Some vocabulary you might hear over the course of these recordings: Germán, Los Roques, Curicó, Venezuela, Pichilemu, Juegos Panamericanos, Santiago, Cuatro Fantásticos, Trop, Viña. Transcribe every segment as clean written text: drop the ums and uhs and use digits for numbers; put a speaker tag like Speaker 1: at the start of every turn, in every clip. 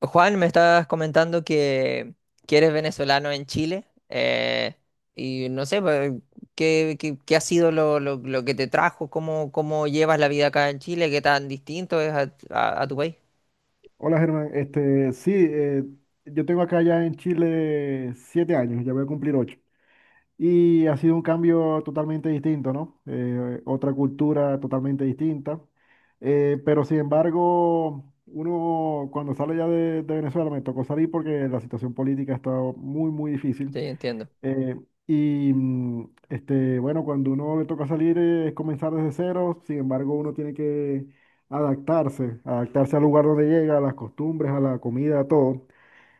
Speaker 1: Juan, me estás comentando que eres venezolano en Chile, y no sé, pues, qué ha sido lo que te trajo? Cómo llevas la vida acá en Chile? ¿Qué tan distinto es a tu país?
Speaker 2: Hola Germán, sí, yo tengo acá ya en Chile 7 años, ya voy a cumplir ocho. Y ha sido un cambio totalmente distinto, ¿no? Otra cultura totalmente distinta. Pero sin embargo, uno cuando sale ya de Venezuela, me tocó salir porque la situación política estaba muy, muy
Speaker 1: Sí,
Speaker 2: difícil.
Speaker 1: entiendo.
Speaker 2: Eh, y bueno, cuando uno le toca salir, es comenzar desde cero. Sin embargo, uno tiene que adaptarse, adaptarse al lugar donde llega, a las costumbres, a la comida, a todo.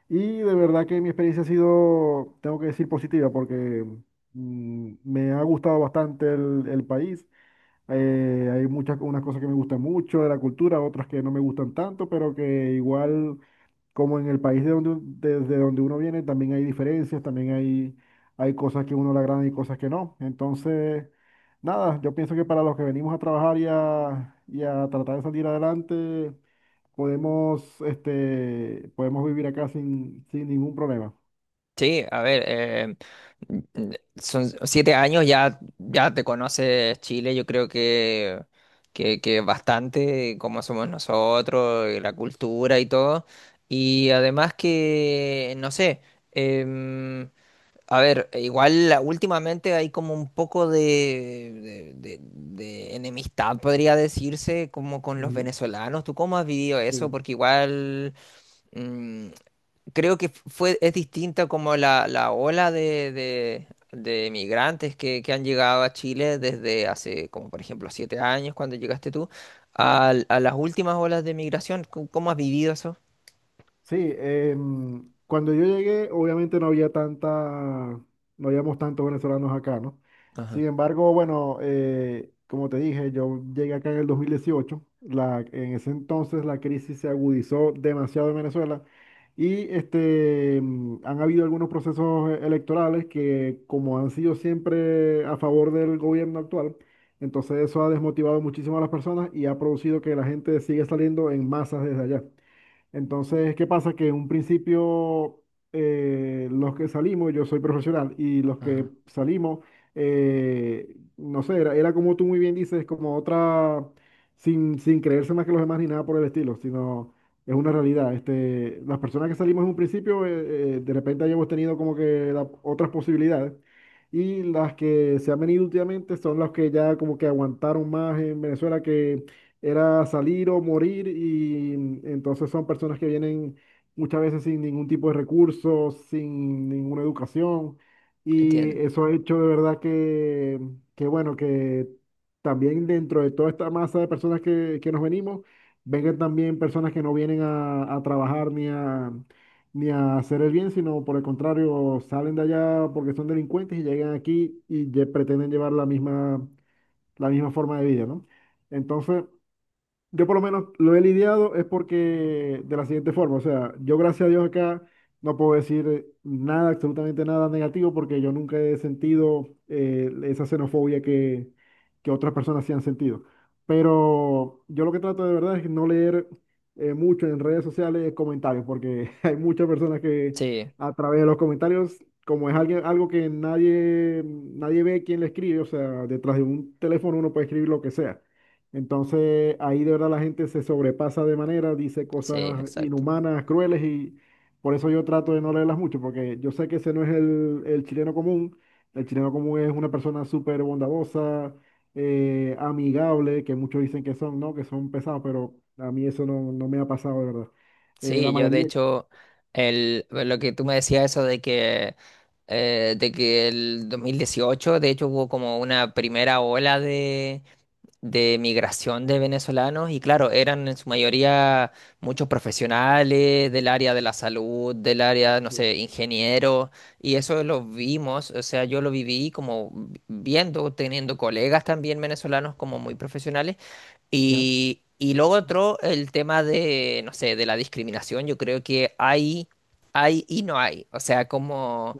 Speaker 2: Y de verdad que mi experiencia ha sido, tengo que decir, positiva, porque me ha gustado bastante el país. Hay muchas, unas cosas que me gustan mucho de la cultura, otras que no me gustan tanto, pero que igual, como en el país de donde, desde donde uno viene, también hay diferencias, también hay cosas que uno le agradan y cosas que no. Entonces, nada, yo pienso que para los que venimos a trabajar y a tratar de salir adelante, podemos vivir acá sin ningún problema.
Speaker 1: Sí, a ver, son 7 años, ya te conoces Chile, yo creo que bastante, como somos nosotros, y la cultura y todo. Y además que, no sé. em, A ver, e igual últimamente hay como un poco de enemistad, podría decirse, como con los
Speaker 2: Ujú.
Speaker 1: venezolanos. ¿Tú cómo has vivido eso?
Speaker 2: Sí.
Speaker 1: Porque igual mm, creo que fue, es distinta como la ola de migrantes que han llegado a Chile desde hace, como por ejemplo, 7 años cuando llegaste tú, las últimas olas de migración. Cómo has vivido eso?
Speaker 2: Sí, cuando yo llegué, obviamente no había tanta, no habíamos tantos venezolanos acá, ¿no?
Speaker 1: Ajá,
Speaker 2: Sin embargo, bueno, como te dije, yo llegué acá en el 2018. En ese entonces la crisis se agudizó demasiado en Venezuela, y han habido algunos procesos electorales, que como han sido siempre a favor del gobierno actual, entonces eso ha desmotivado muchísimo a las personas y ha producido que la gente siga saliendo en masas desde allá. Entonces, ¿qué pasa? Que en un principio, los que salimos, yo soy profesional, y los que
Speaker 1: ajá.
Speaker 2: salimos, no sé, era, era como tú muy bien dices, como otra, sin creerse más que los demás ni nada por el estilo, sino es una realidad. Este, las personas que salimos en un principio, de repente hayamos tenido como que otras posibilidades, y las que se han venido últimamente son las que ya, como que aguantaron más en Venezuela, era salir o morir. Y entonces son personas que vienen muchas veces sin ningún tipo de recursos, sin ninguna educación, y
Speaker 1: Entiendo.
Speaker 2: eso ha hecho de verdad que también dentro de toda esta masa de personas que nos venimos, vengan también personas que no vienen a trabajar ni a hacer el bien, sino por el contrario, salen de allá porque son delincuentes y llegan aquí y pretenden llevar la misma forma de vida, ¿no? Entonces, yo por lo menos lo he lidiado es porque de la siguiente forma, o sea, yo gracias a Dios acá no puedo decir nada, absolutamente nada negativo, porque yo nunca he sentido esa xenofobia que otras personas sí han sentido. Pero yo lo que trato de verdad es no leer mucho en redes sociales comentarios, porque hay muchas personas que,
Speaker 1: Sí,
Speaker 2: a través de los comentarios, como es alguien, algo que nadie ve quién le escribe, o sea, detrás de un teléfono uno puede escribir lo que sea. Entonces ahí de verdad la gente se sobrepasa de manera, dice
Speaker 1: sí,
Speaker 2: cosas
Speaker 1: exacto.
Speaker 2: inhumanas, crueles, y por eso yo trato de no leerlas mucho, porque yo sé que ese no es el chileno común. El chileno común es una persona súper bondadosa, amigable, que muchos dicen que son, ¿no? Que son pesados, pero a mí eso no, no me ha pasado de verdad. Eh,
Speaker 1: Sí,
Speaker 2: la
Speaker 1: yo de
Speaker 2: mayoría,
Speaker 1: hecho, el, pues, lo que tú me decías eso de de que el 2018 de hecho hubo como una primera ola de migración de venezolanos y claro, eran en su mayoría muchos profesionales del área de la salud, del área, no
Speaker 2: sí,
Speaker 1: sé, ingenieros, y eso lo vimos, o sea, yo lo viví como viendo, teniendo colegas también venezolanos como muy profesionales,
Speaker 2: ya,
Speaker 1: y lo otro, el tema de, no sé, de la discriminación, yo creo que hay y no hay, o sea, como...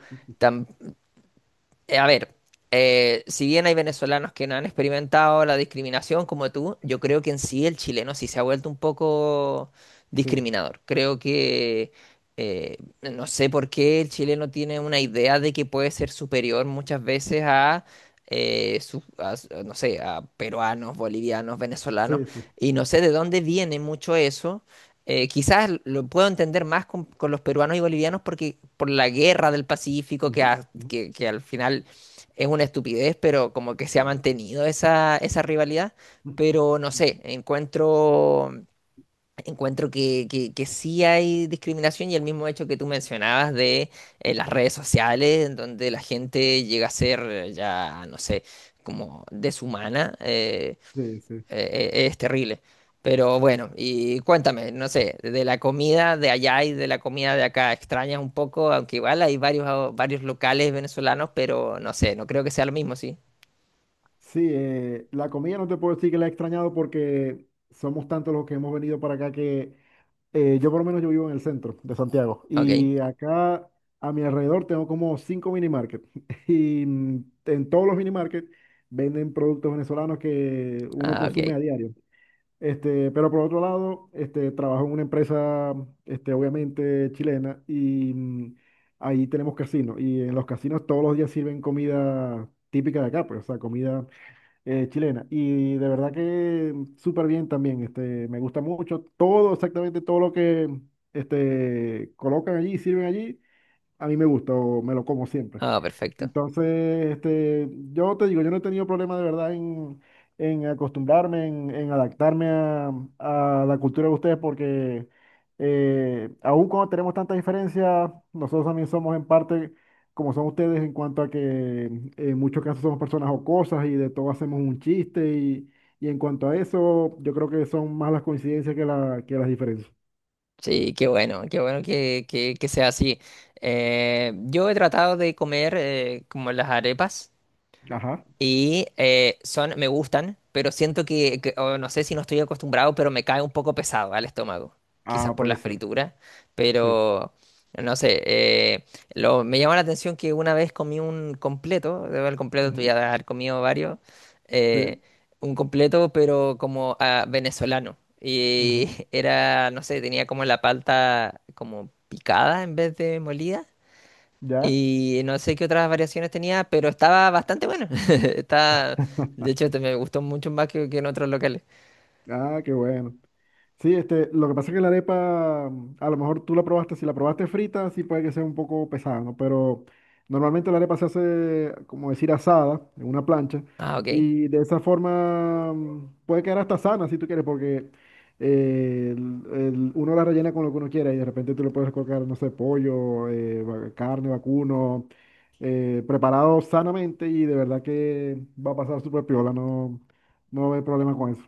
Speaker 1: A ver, si bien hay venezolanos que no han experimentado la discriminación como tú, yo creo que en sí el chileno sí se ha vuelto un poco
Speaker 2: sí,
Speaker 1: discriminador. Creo que no sé por qué el chileno tiene una idea de que puede ser superior muchas veces a, no sé, a peruanos, bolivianos, venezolanos,
Speaker 2: sí, sí.
Speaker 1: y no sé de dónde viene mucho eso, quizás lo puedo entender más con los peruanos y bolivianos porque por la guerra del Pacífico,
Speaker 2: Ujú, ujú.
Speaker 1: que al final es una estupidez, pero como que se ha mantenido esa, esa rivalidad. Pero no sé, encuentro, encuentro que sí hay discriminación y el mismo hecho que tú mencionabas de las redes sociales, en donde la gente llega a ser no sé, como deshumana.
Speaker 2: Sí, sí.
Speaker 1: Es terrible. Pero bueno, y cuéntame, no sé, de la comida de allá y de la comida de acá, extrañas un poco, aunque igual hay varios, varios locales venezolanos, pero no sé, no creo que sea lo mismo, ¿sí?
Speaker 2: Sí, la comida no te puedo decir que la he extrañado, porque somos tantos los que hemos venido para acá, que yo por lo menos yo vivo en el centro de Santiago,
Speaker 1: Ok,
Speaker 2: y acá a mi alrededor tengo como cinco mini market y en todos los mini market venden productos venezolanos que uno
Speaker 1: ah, ok,
Speaker 2: consume a diario. Pero por otro lado, trabajo en una empresa, obviamente chilena, y ahí tenemos casinos, y en los casinos todos los días sirven comida típica de acá, pues, o sea, comida chilena. Y de verdad que súper bien también. Me gusta mucho todo, exactamente todo lo que colocan allí, sirven allí. A mí me gustó, me lo como siempre.
Speaker 1: ah, perfecto.
Speaker 2: Entonces, este, yo te digo, yo no he tenido problema de verdad en acostumbrarme, en adaptarme a la cultura de ustedes, porque aún cuando tenemos tantas diferencias, nosotros también somos en parte como son ustedes, en cuanto a que en muchos casos somos personas jocosas y de todo hacemos un chiste. Y en cuanto a eso, yo creo que son más las coincidencias que las diferencias.
Speaker 1: Sí, qué bueno que sea así. Yo he tratado de comer como las arepas.
Speaker 2: Ajá.
Speaker 1: Y son, me gustan, pero siento o no sé si no estoy acostumbrado, pero me cae un poco pesado al estómago. Quizás
Speaker 2: Ah,
Speaker 1: por
Speaker 2: puede
Speaker 1: la
Speaker 2: ser.
Speaker 1: fritura,
Speaker 2: Sí.
Speaker 1: pero no sé. Lo, me llama la atención que una vez comí un completo, debo el completo, tú ya
Speaker 2: Ujú.
Speaker 1: debes haber comido varios, eh,
Speaker 2: Sí.
Speaker 1: un completo, pero como ah, venezolano. Y
Speaker 2: Ujú.
Speaker 1: era, no sé, tenía como la palta como picada en vez de molida.
Speaker 2: ¿Ya?
Speaker 1: Y no sé qué otras variaciones tenía, pero estaba bastante bueno. Está, de hecho, me gustó mucho más que en otros locales.
Speaker 2: Ah, qué bueno. Sí, lo que pasa es que la arepa, a lo mejor tú la probaste, si la probaste frita, sí puede que sea un poco pesada, ¿no? Pero normalmente la arepa se hace, como decir, asada en una plancha,
Speaker 1: Ah, ok.
Speaker 2: y de esa forma puede quedar hasta sana si tú quieres, porque uno la rellena con lo que uno quiera, y de repente tú le puedes colocar, no sé, pollo, carne, vacuno, preparado sanamente, y de verdad que va a pasar súper piola. No, no hay problema con eso.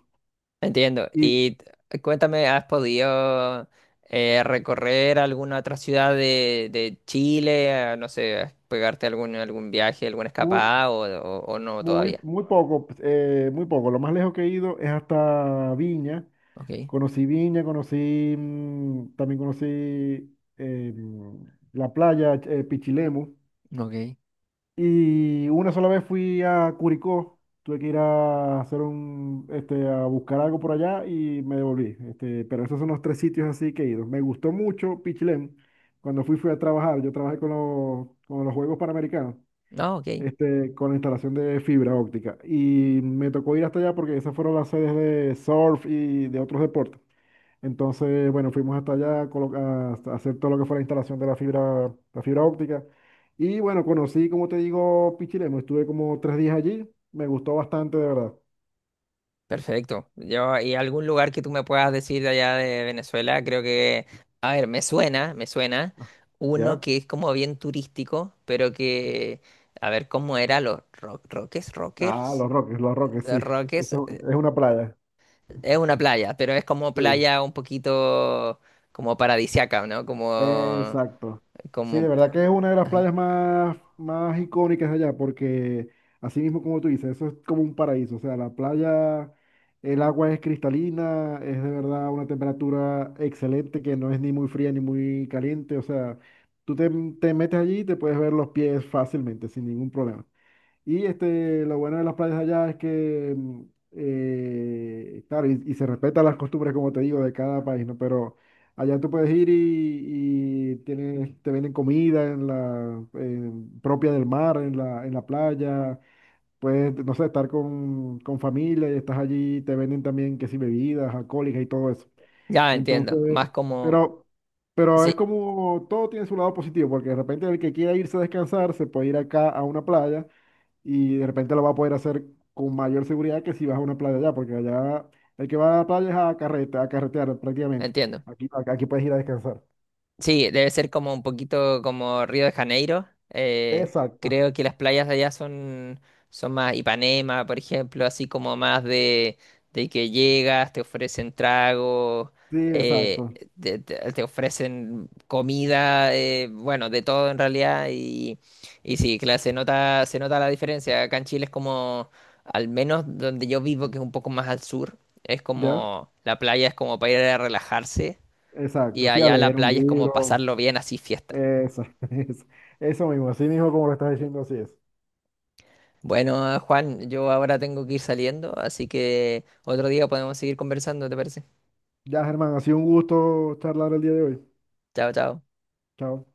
Speaker 1: Entiendo. Y cuéntame, ¿has podido recorrer alguna otra ciudad de Chile? Ah, no sé, pegarte algún, algún viaje, alguna
Speaker 2: Muy,
Speaker 1: escapada o no
Speaker 2: muy,
Speaker 1: todavía.
Speaker 2: muy poco, muy poco. Lo más lejos que he ido es hasta Viña.
Speaker 1: Ok,
Speaker 2: Conocí Viña, conocí, también conocí eh, mm, la playa, Pichilemu.
Speaker 1: ok.
Speaker 2: Y una sola vez fui a Curicó. Tuve que ir a hacer a buscar algo por allá y me devolví. Pero esos son los tres sitios así que he ido. Me gustó mucho Pichilemu. Cuando fui, fui a trabajar. Yo trabajé con los Juegos Panamericanos,
Speaker 1: No, ok.
Speaker 2: con la instalación de fibra óptica. Y me tocó ir hasta allá porque esas fueron las sedes de surf y de otros deportes. Entonces, bueno, fuimos hasta allá a hacer todo lo que fue la instalación de la fibra óptica. Y bueno, conocí, como te digo, Pichilemu. Estuve como 3 días allí. Me gustó bastante, de verdad.
Speaker 1: Perfecto. Yo, y algún lugar que tú me puedas decir de allá de Venezuela, creo que, a ver, me suena
Speaker 2: Ah.
Speaker 1: uno
Speaker 2: ¿Ya?
Speaker 1: que es como bien turístico, pero que, a ver, ¿cómo era? Los Roques,
Speaker 2: Ah,
Speaker 1: Rockers,
Speaker 2: Los Roques, Los Roques, sí.
Speaker 1: Roques,
Speaker 2: Eso es una playa.
Speaker 1: es una playa, pero es como
Speaker 2: Sí.
Speaker 1: playa un poquito como paradisiaca, ¿no? Como,
Speaker 2: Exacto. Sí, de
Speaker 1: como,
Speaker 2: verdad que es una de las playas más, más icónicas de allá, porque así mismo como tú dices, eso es como un paraíso. O sea, la playa, el agua es cristalina, es de verdad una temperatura excelente que no es ni muy fría ni muy caliente. O sea, tú te metes allí y te puedes ver los pies fácilmente, sin ningún problema. Y lo bueno de las playas allá es que, claro, y se respetan las costumbres, como te digo, de cada país, ¿no? Pero allá tú puedes ir y tienes, te venden comida en propia del mar, en la playa. Puedes, no sé, estar con familia, y estás allí, te venden también, que si bebidas alcohólicas y todo eso.
Speaker 1: ya entiendo,
Speaker 2: Entonces,
Speaker 1: más como,
Speaker 2: pero... Pero es
Speaker 1: sí,
Speaker 2: como, todo tiene su lado positivo, porque de repente el que quiera irse a descansar se puede ir acá a una playa, y de repente lo va a poder hacer con mayor seguridad que si vas a una playa allá, porque allá el que va a la playa es a carrete, a carretear prácticamente.
Speaker 1: entiendo.
Speaker 2: Aquí, aquí puedes ir a descansar.
Speaker 1: Sí, debe ser como un poquito como Río de Janeiro.
Speaker 2: Exacto,
Speaker 1: Creo que las playas de allá son, son más Ipanema, por ejemplo, así como más de que llegas, te ofrecen trago,
Speaker 2: sí,
Speaker 1: eh,
Speaker 2: exacto,
Speaker 1: te, te ofrecen comida, bueno, de todo en realidad. Y sí, claro, se nota la diferencia. Acá en Chile es como, al menos donde yo vivo, que es un poco más al sur, es
Speaker 2: ¿ya?
Speaker 1: como, la playa es como para ir a relajarse y
Speaker 2: Exacto, sí, a
Speaker 1: allá la
Speaker 2: leer un
Speaker 1: playa es como
Speaker 2: libro,
Speaker 1: pasarlo bien, así fiesta.
Speaker 2: eso, eso, eso mismo, así mismo como lo estás diciendo, así es.
Speaker 1: Bueno, Juan, yo ahora tengo que ir saliendo, así que otro día podemos seguir conversando, ¿te parece?
Speaker 2: Ya, Germán, ha sido un gusto charlar el día de hoy.
Speaker 1: Chao, chao.
Speaker 2: Chao.